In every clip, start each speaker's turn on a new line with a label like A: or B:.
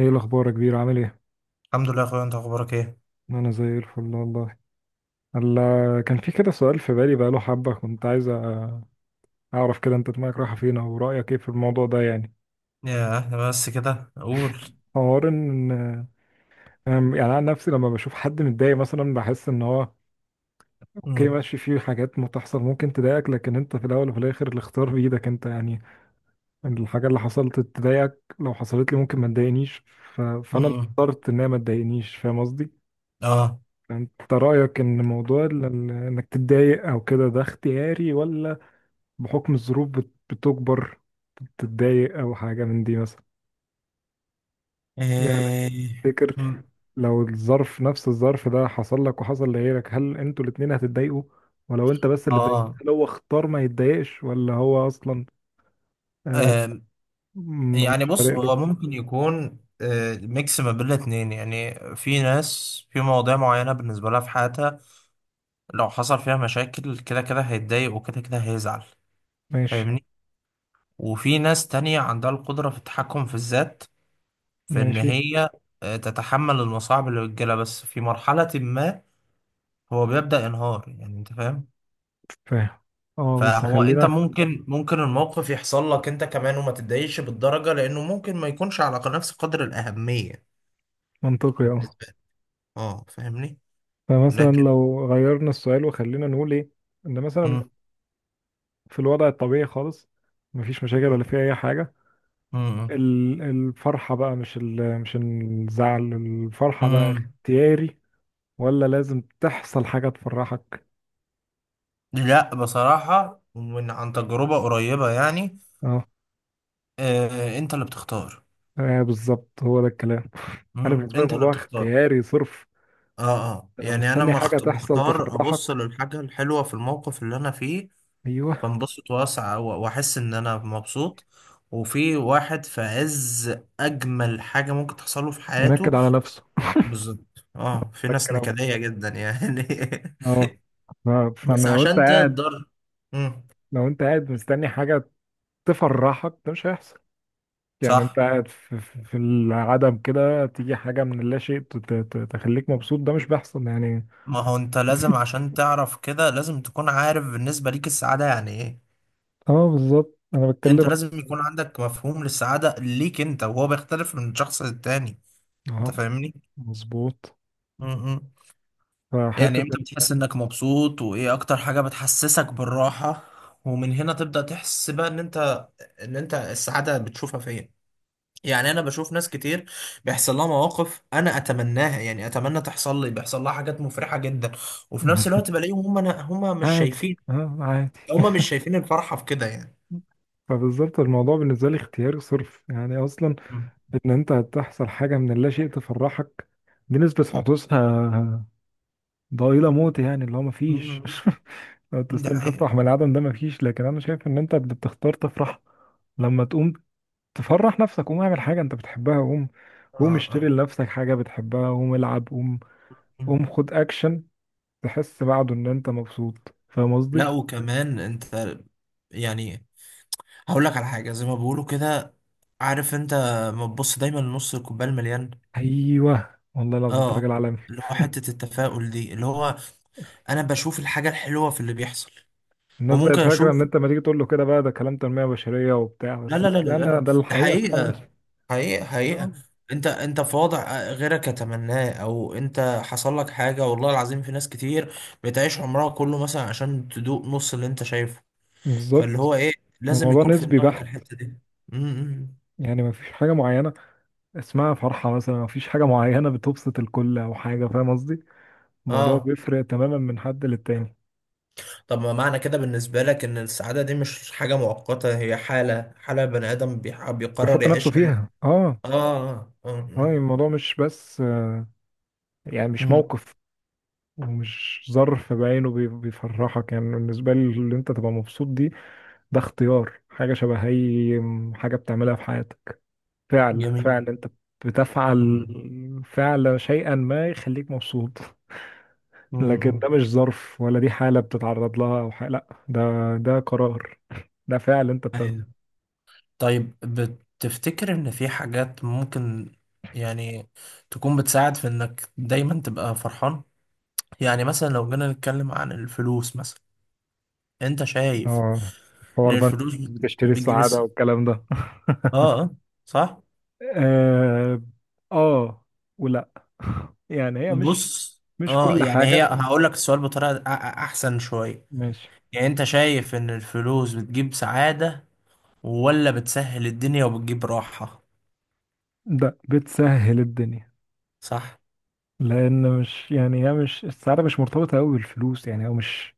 A: ايه الاخبار يا كبير؟ عامل ايه؟
B: الحمد لله يا اخويا، انت اخبارك ايه؟
A: انا زي الفل والله. هلا، كان في كده سؤال في بالي بقاله حبه، كنت عايز اعرف كده انت دماغك رايحه فين او رايك ايه في الموضوع ده يعني.
B: يا احنا بس كده اقول.
A: حوار ان يعني انا عن نفسي لما بشوف حد متضايق مثلا بحس ان هو اوكي
B: امم.
A: ماشي، فيه حاجات متحصل ممكن تضايقك، لكن انت في الاول وفي الاخر الاختيار بايدك انت يعني. الحاجه اللي حصلت تضايقك لو حصلت لي ممكن ما تضايقنيش. فانا اللي
B: امم.
A: اخترت ان هي ما تضايقنيش، فاهم قصدي؟
B: اه.
A: انت رأيك ان موضوع انك تتضايق او كده ده اختياري، ولا بحكم الظروف بتجبر تتضايق او حاجة من دي مثلا؟ يعني
B: ايه.
A: تفتكر
B: مم.
A: لو الظرف نفس الظرف ده حصل لك وحصل لغيرك هل انتوا الاتنين هتتضايقوا؟ ولو انت بس اللي اتضايقت
B: اه.
A: هل هو اختار ما يتضايقش ولا هو اصلا
B: آم، يعني
A: مش فارق
B: بص
A: له؟
B: هو ممكن يكون ميكس ما بين الاتنين، يعني في ناس في مواضيع معينة بالنسبة لها في حياتها لو حصل فيها مشاكل كده كده هيتضايق وكده كده هيزعل.
A: ماشي.
B: فاهمني؟ وفي ناس تانية عندها القدرة في التحكم في الذات، في ان
A: ماشي.
B: هي تتحمل المصاعب اللي بتجيلها، بس في مرحلة ما هو بيبدأ ينهار، يعني انت فاهم؟
A: فاهم. اه بس
B: فهو انت
A: خلينا.
B: ممكن الموقف يحصل لك انت كمان وما تتضايقش بالدرجة، لانه ممكن ما يكونش على نفس قدر الأهمية
A: منطقي اه.
B: بالنسبة لك. اه. فاهمني؟
A: فمثلا
B: لكن.
A: لو غيرنا السؤال وخلينا نقول ايه ان مثلا
B: مم.
A: في الوضع الطبيعي خالص، مفيش مشاكل ولا
B: مم.
A: في اي حاجه،
B: مم.
A: الفرحه بقى، مش مش الزعل، الفرحه بقى
B: مم.
A: اختياري ولا لازم تحصل حاجه تفرحك؟
B: لا، بصراحة، ومن عن تجربة قريبة يعني.
A: اه.
B: آه، انت اللي بتختار.
A: آه، بالظبط، هو ده الكلام. انا
B: مم.
A: بالنسبه لي
B: انت اللي
A: الموضوع
B: بتختار.
A: اختياري صرف.
B: اه، اه،
A: أنت لو
B: يعني انا
A: مستني حاجه تحصل
B: بختار ابص
A: تفرحك،
B: للحاجة الحلوة في الموقف اللي انا فيه،
A: ايوه،
B: فانبسط واسع واحس ان انا مبسوط. وفي واحد في عز اجمل حاجه ممكن تحصله في حياته.
A: ينكد على نفسه.
B: بالظبط. اه، في
A: ده
B: ناس
A: الكلام.
B: نكديه جدا يعني.
A: اه. ف-
B: بس
A: فانا لو انت
B: عشان
A: قاعد،
B: تقدر. امم.
A: لو انت قاعد مستني حاجه تفرحك ده مش هيحصل. يعني انت
B: صح.
A: قاعد في في العدم كده تيجي حاجة من اللا شيء تخليك مبسوط، ده مش بيحصل يعني.
B: ما هو انت لازم، عشان تعرف كده لازم تكون عارف بالنسبه ليك السعاده يعني ايه.
A: اه بالظبط، انا
B: انت
A: بتكلم.
B: لازم يكون عندك مفهوم للسعاده ليك انت، وهو بيختلف من شخص للتاني. انت
A: اه،
B: فاهمني؟
A: مظبوط.
B: مم. يعني
A: فحتة.
B: امتى بتحس انك مبسوط، وايه اكتر حاجة بتحسسك بالراحة، ومن هنا تبدأ تحس بقى ان انت السعادة بتشوفها فين. يعني انا بشوف ناس كتير بيحصل لها مواقف انا اتمناها، يعني اتمنى تحصل لي، بيحصل لها حاجات مفرحة جدا. وفي نفس الوقت بلاقيهم هم أنا هم مش
A: عادي.
B: شايفين.
A: اه عادي.
B: هم مش شايفين الفرحة في كده يعني.
A: فبالظبط الموضوع بالنسبة لي اختياري صرف يعني. أصلا
B: مم.
A: إن أنت هتحصل حاجة من اللا شيء تفرحك، دي نسبة حدوثها ضئيلة موت، يعني اللي هو
B: مم.
A: مفيش. لو
B: دي
A: تستنى
B: حقيقة.
A: تفرح من العدم ده مفيش، لكن أنا شايف إن أنت بتختار تفرح. لما تقوم تفرح نفسك، قوم اعمل حاجة انت بتحبها، قوم
B: آه.
A: قوم اشتري
B: آه.
A: لنفسك حاجة بتحبها، قوم العب، قوم
B: مم.
A: قوم خد اكشن، تحس بعده ان انت مبسوط، فاهم قصدي؟
B: لا، وكمان انت، يعني هقول لك على حاجه زي ما بيقولوا كده، عارف انت؟ ما تبص دايما لنص الكوبايه المليان.
A: ايوه والله العظيم، انت
B: اه،
A: راجل عالمي.
B: اللي هو حته التفاؤل دي، اللي هو انا بشوف الحاجه الحلوه في اللي بيحصل.
A: الناس بقت
B: وممكن
A: فاكرة ان
B: اشوف.
A: انت ما تيجي تقول له كده بقى ده كلام تنمية بشرية وبتاع،
B: لا،
A: بس
B: لا، لا، لا،
A: لا،
B: لا،
A: انا
B: لا.
A: ده
B: ده
A: الحقيقة فعلا.
B: حقيقه حقيقه حقيقه.
A: آه،
B: انت في وضع غيرك يتمناه، او انت حصل لك حاجه، والله العظيم في ناس كتير بتعيش عمرها كله مثلا عشان تدوق نص اللي انت شايفه. فاللي
A: بالظبط.
B: هو ايه، لازم
A: الموضوع
B: يكون في
A: نسبي
B: دماغك
A: بحت،
B: الحته دي. امم.
A: يعني ما فيش حاجة معينة اسمها فرحة مثلا، ما فيش حاجة معينة بتبسط الكل او حاجة، فاهم قصدي؟ الموضوع
B: اه.
A: بيفرق تماما من حد للتاني.
B: طب ما معنى كده بالنسبة لك إن السعادة دي مش حاجة مؤقتة، هي حالة، حالة بني آدم بيقرر
A: بيحط نفسه
B: يعيشها.
A: فيها اه.
B: آه. آه.
A: اه
B: آه.
A: الموضوع مش بس يعني مش
B: مم.
A: موقف ومش ظرف بعينه بيفرحك. يعني بالنسبة لي اللي انت تبقى مبسوط دي، ده اختيار، حاجة شبه اي حاجة بتعملها في حياتك، فعل،
B: جميل.
A: فعل انت بتفعل،
B: مم.
A: فعل شيئا ما يخليك مبسوط. لكن
B: مم.
A: ده مش ظرف ولا دي حالة بتتعرض لها او حاجة، لا ده، ده قرار، ده فعل انت بتاخده.
B: أيوة. طيب بتفتكر إن في حاجات ممكن، يعني، تكون بتساعد في إنك دايما تبقى فرحان؟ يعني مثلا لو جينا نتكلم عن الفلوس مثلا، أنت شايف
A: اه،
B: إن
A: حوار بقى،
B: الفلوس
A: بتشتري
B: بتجيب
A: السعادة والكلام ده.
B: آه، آه، صح؟
A: اه ولا. يعني هي مش،
B: بص.
A: مش
B: اه،
A: كل
B: يعني هي
A: حاجة.
B: هقول لك السؤال بطريقة احسن شوية.
A: ماشي.
B: يعني انت شايف ان الفلوس بتجيب سعادة، ولا بتسهل الدنيا وبتجيب راحة؟
A: ده بتسهل الدنيا،
B: صح.
A: لأن مش يعني هي مش، السعادة مش مرتبطة أوي بالفلوس، يعني هو مش،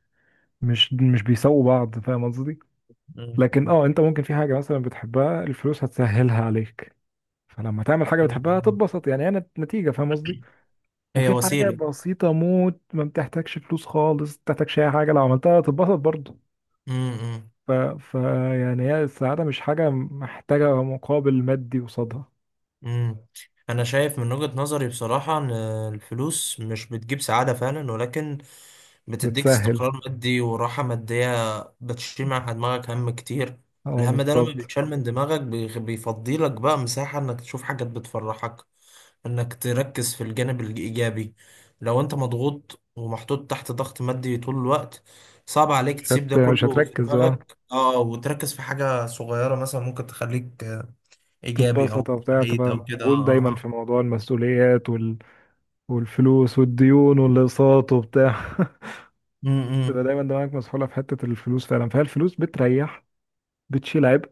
A: مش مش بيساووا بعض، فاهم قصدي؟
B: مم،
A: لكن
B: مم.
A: اه، انت ممكن في حاجة مثلا بتحبها الفلوس هتسهلها عليك، فلما تعمل حاجة بتحبها
B: مم.
A: هتتبسط، يعني هي نتيجة، فاهم قصدي؟
B: هي
A: وفي حاجة
B: وسيلة.
A: بسيطة موت ما بتحتاجش فلوس خالص، ما بتحتاجش أي حاجة، لو عملتها هتتبسط برضه.
B: امم.
A: ف... ف يعني هي السعادة مش حاجة محتاجة مقابل مادي قصادها.
B: امم. انا شايف من وجهة نظري بصراحة ان الفلوس مش بتجيب سعادة فعلا، ولكن بتديك
A: بتسهل،
B: استقرار مادي وراحة مادية، بتشيل مع دماغك هم كتير.
A: اه
B: الهم ده لما
A: بالظبط.
B: بيتشال من دماغك بيفضيلك بقى مساحة انك تشوف حاجات بتفرحك، انك تركز في الجانب الايجابي. لو انت مضغوط ومحطوط تحت ضغط مادي طول الوقت، صعب عليك تسيب ده
A: مش
B: كله في
A: هتركز، اه
B: دماغك وتركز في حاجة صغيرة مثلا ممكن تخليك ايجابي
A: تتبسط
B: او
A: وبتاع،
B: سعيد
A: تبقى
B: او كده.
A: مشغول
B: اه.
A: دايما
B: اه.
A: في موضوع المسؤوليات والفلوس والديون والأقساط وبتاع. تبقى
B: امم.
A: دايما دماغك مسحولة في حتة الفلوس فعلا، فهي الفلوس بتريح، بتشيل عبء،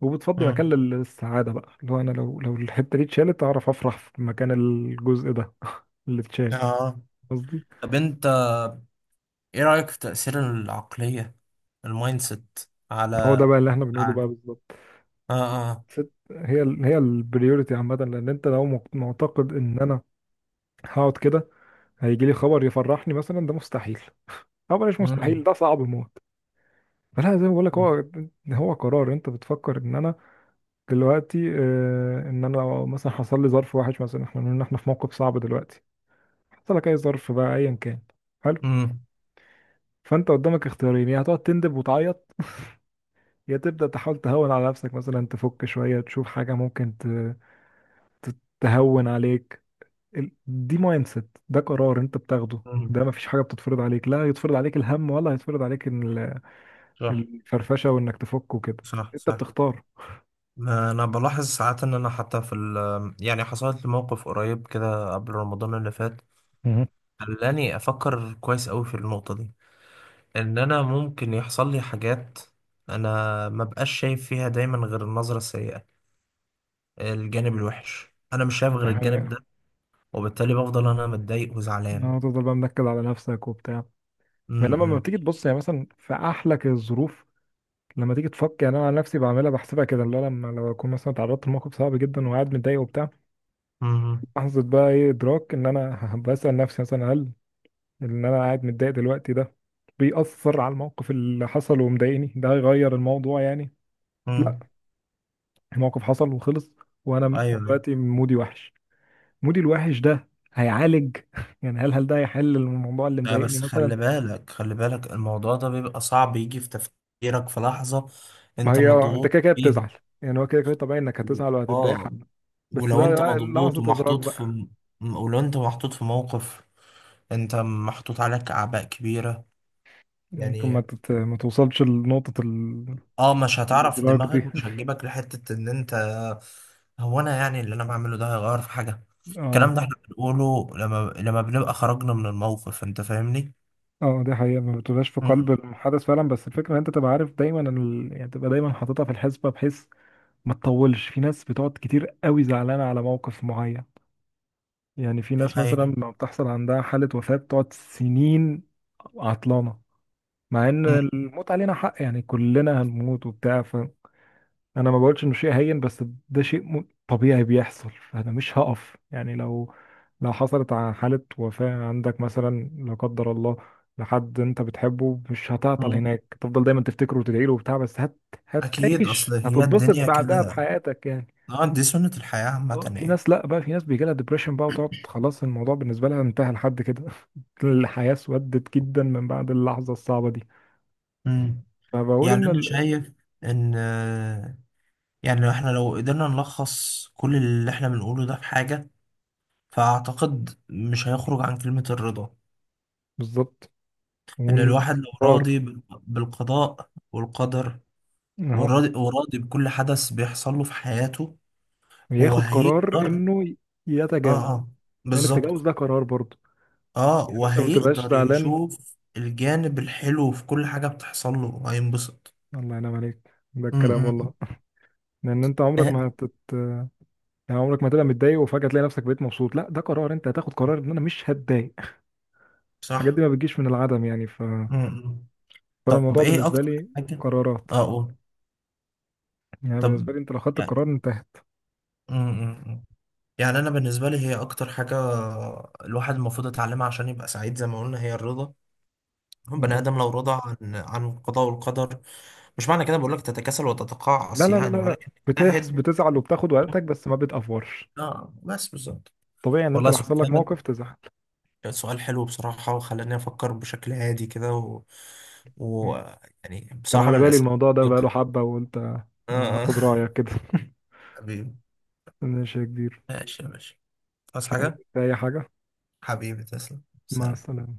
A: وبتفضي مكان
B: امم.
A: للسعادة بقى. لو أنا، لو الحتة دي اتشالت أعرف أفرح في مكان الجزء ده اللي اتشال،
B: اه.
A: قصدي.
B: طب انت ايه رأيك في تأثير العقلية، المايند سيت،
A: هو ده
B: على
A: بقى اللي احنا بنقوله
B: على-
A: بقى بالظبط.
B: اه. اه.
A: ست هي هي البريوريتي عامة، لأن أنت لو معتقد إن أنا هقعد كده هيجي لي خبر يفرحني مثلا ده مستحيل، أو بلاش مستحيل،
B: امم.
A: ده صعب موت. فلا زي ما بقول لك، هو هو قرار، أنت بتفكر إن أنا دلوقتي آه، إن أنا لو مثلا حصل لي ظرف وحش مثلا، إحنا بنقول إن إحنا في موقف صعب دلوقتي، حصل لك أي ظرف بقى أيا كان، حلو،
B: امم.
A: فأنت قدامك اختيارين، يا هتقعد تندب وتعيط، يا تبدأ تحاول تهون على نفسك، مثلا تفك شوية، تشوف حاجة ممكن ت- تهون عليك. دي مايند سيت، ده قرار انت بتاخده،
B: امم.
A: ده مفيش حاجه بتتفرض عليك، لا يتفرض عليك الهم ولا هيتفرض عليك إن
B: صح.
A: الفرفشه وانك تفك وكده،
B: صح.
A: انت
B: صح.
A: بتختار.
B: ما انا بلاحظ ساعات ان انا، حتى في يعني، حصلت لي موقف قريب كده قبل رمضان اللي فات،
A: مهم.
B: خلاني افكر كويس قوي في النقطة دي، ان انا ممكن يحصل لي حاجات انا ما بقاش شايف فيها دايما غير النظرة السيئة. الجانب الوحش انا مش شايف
A: دي
B: غير الجانب ده،
A: حقيقة.
B: وبالتالي بفضل انا متضايق وزعلان.
A: اه تفضل بقى منكد على نفسك وبتاع. بينما لما
B: امم.
A: بتيجي تبص يعني مثلا في احلك الظروف، لما تيجي تفك، يعني انا عن نفسي بعملها بحسبها كده، اللي هو لما لو اكون مثلا اتعرضت لموقف صعب جدا وقاعد متضايق وبتاع،
B: امم.
A: لحظه بقى ايه ادراك ان انا بسال نفسي مثلا، هل ان انا قاعد متضايق دلوقتي ده بيأثر على الموقف اللي حصل ومضايقني؟ ده هيغير الموضوع يعني؟ لا،
B: امم.
A: الموقف حصل وخلص، وانا
B: ايوه. أيوة.
A: دلوقتي مودي وحش، مودي الوحش ده هيعالج؟ يعني هل هل ده هيحل الموضوع اللي
B: لا،
A: مضايقني
B: بس
A: مثلا؟
B: خلي بالك خلي بالك، الموضوع ده بيبقى صعب يجي في تفكيرك في لحظة
A: ما
B: انت
A: هي آه، انت
B: مضغوط
A: كده كده
B: فيها.
A: بتزعل، يعني هو كده كده طبيعي انك هتزعل وهتتضايق
B: اه.
A: حب، بس
B: ولو
A: بقى،
B: انت
A: بقى
B: مضغوط
A: لحظة ادراك
B: ومحطوط
A: بقى.
B: في ولو انت محطوط في موقف، انت محطوط عليك اعباء كبيرة.
A: ممكن ما
B: يعني
A: تت... ما توصلش لنقطة
B: اه مش هتعرف،
A: الادراك
B: دماغك
A: دي.
B: مش هتجيبك لحتة ان انت، هو انا يعني اللي انا بعمله ده هيغير في حاجة؟ الكلام
A: اه
B: ده احنا بنقوله لما بنبقى خرجنا من الموقف، انت فاهمني؟
A: اه دي حقيقة، ما بتبقاش في
B: مم.
A: قلب الحدث فعلا، بس الفكرة ان انت تبقى عارف دايما يعني تبقى دايما حاططها في الحسبة، بحيث ما تطولش. في ناس بتقعد كتير قوي زعلانة على موقف معين، يعني في
B: دي
A: ناس مثلا
B: حقيقة.
A: لما بتحصل عندها حالة وفاة بتقعد سنين عطلانة، مع ان
B: مم.
A: الموت علينا حق، يعني كلنا هنموت وبتاع. انا ما بقولش انه شيء هين، بس ده شيء طبيعي بيحصل، فانا مش هقف يعني. لو لو حصلت حالة وفاة عندك مثلا، لا قدر الله، لحد انت بتحبه، مش هتعطل
B: مم.
A: هناك، تفضل دايما تفتكره وتدعي له وبتاع، بس
B: اكيد، اصل
A: هتعيش،
B: هي
A: هتتبسط
B: الدنيا
A: بعدها
B: كده.
A: بحياتك يعني.
B: اه، دي سنة الحياة عامة
A: اه في
B: يعني.
A: ناس لا بقى، في ناس بيجي لها ديبريشن بقى وتقعد خلاص، الموضوع بالنسبة لها انتهى لحد كده. الحياة اسودت جدا من بعد اللحظة الصعبة دي.
B: مم.
A: فبقول
B: يعني
A: ان
B: انا شايف ان، يعني، احنا لو قدرنا نلخص كل اللي احنا بنقوله ده في حاجة، فأعتقد مش هيخرج عن كلمة الرضا.
A: بالظبط.
B: إن الواحد لو راضي
A: والقرار.
B: بالقضاء والقدر،
A: اهو،
B: وراضي بكل حدث بيحصل له في حياته، هو
A: ياخد قرار
B: هيقدر.
A: انه
B: اه،
A: يتجاوز،
B: اه،
A: لان التجاوز
B: بالظبط.
A: ده قرار برضه.
B: اه
A: يعني انت ما تبقاش
B: وهيقدر
A: زعلان،
B: يشوف الجانب الحلو في كل حاجة بتحصل له هينبسط.
A: الله ينعم عليك ده الكلام
B: امم.
A: والله. لان انت عمرك
B: آه.
A: ما يعني عمرك ما تبقى متضايق وفجأة تلاقي نفسك بقيت مبسوط، لا ده قرار، انت هتاخد قرار ان انا مش هتضايق، الحاجات
B: صح.
A: دي ما بتجيش من العدم يعني.
B: امم.
A: فانا
B: طب
A: الموضوع
B: ايه
A: بالنسبة
B: أكتر
A: لي
B: حاجة؟
A: قرارات.
B: اه، قول.
A: يعني بالنسبة
B: طب
A: لي انت لو خدت
B: يعني،
A: القرار انتهت.
B: امم، يعني انا بالنسبه لي هي اكتر حاجه الواحد المفروض يتعلمها عشان يبقى سعيد زي ما قلنا هي الرضا. هم بني ادم لو رضى عن القضاء والقدر، مش معنى كده بقول لك تتكاسل
A: لا
B: وتتقاعس
A: لا لا
B: يعني،
A: لا،
B: ولكن
A: بتحس
B: تجتهد.
A: بتزعل وبتاخد وقتك، بس ما بتأفورش،
B: اه، بس بالظبط.
A: طبيعي ان انت
B: والله
A: لو
B: سؤال
A: حصل لك
B: جامد.
A: موقف تزعل.
B: سؤال حلو بصراحه، وخلاني افكر بشكل هادي كده و... و يعني
A: كان
B: بصراحه
A: على
B: من
A: بالي
B: الاسئله.
A: الموضوع ده بقاله حبة وقلت
B: اه.
A: ما
B: آه.
A: اخد رأيك كده.
B: حبيبي.
A: ماشي يا كبير.
B: ماشي يا باشا. عايز
A: مش عايز
B: حاجه؟
A: أي حاجة.
B: حبيبي تسلم،
A: مع
B: سلام.
A: السلامة.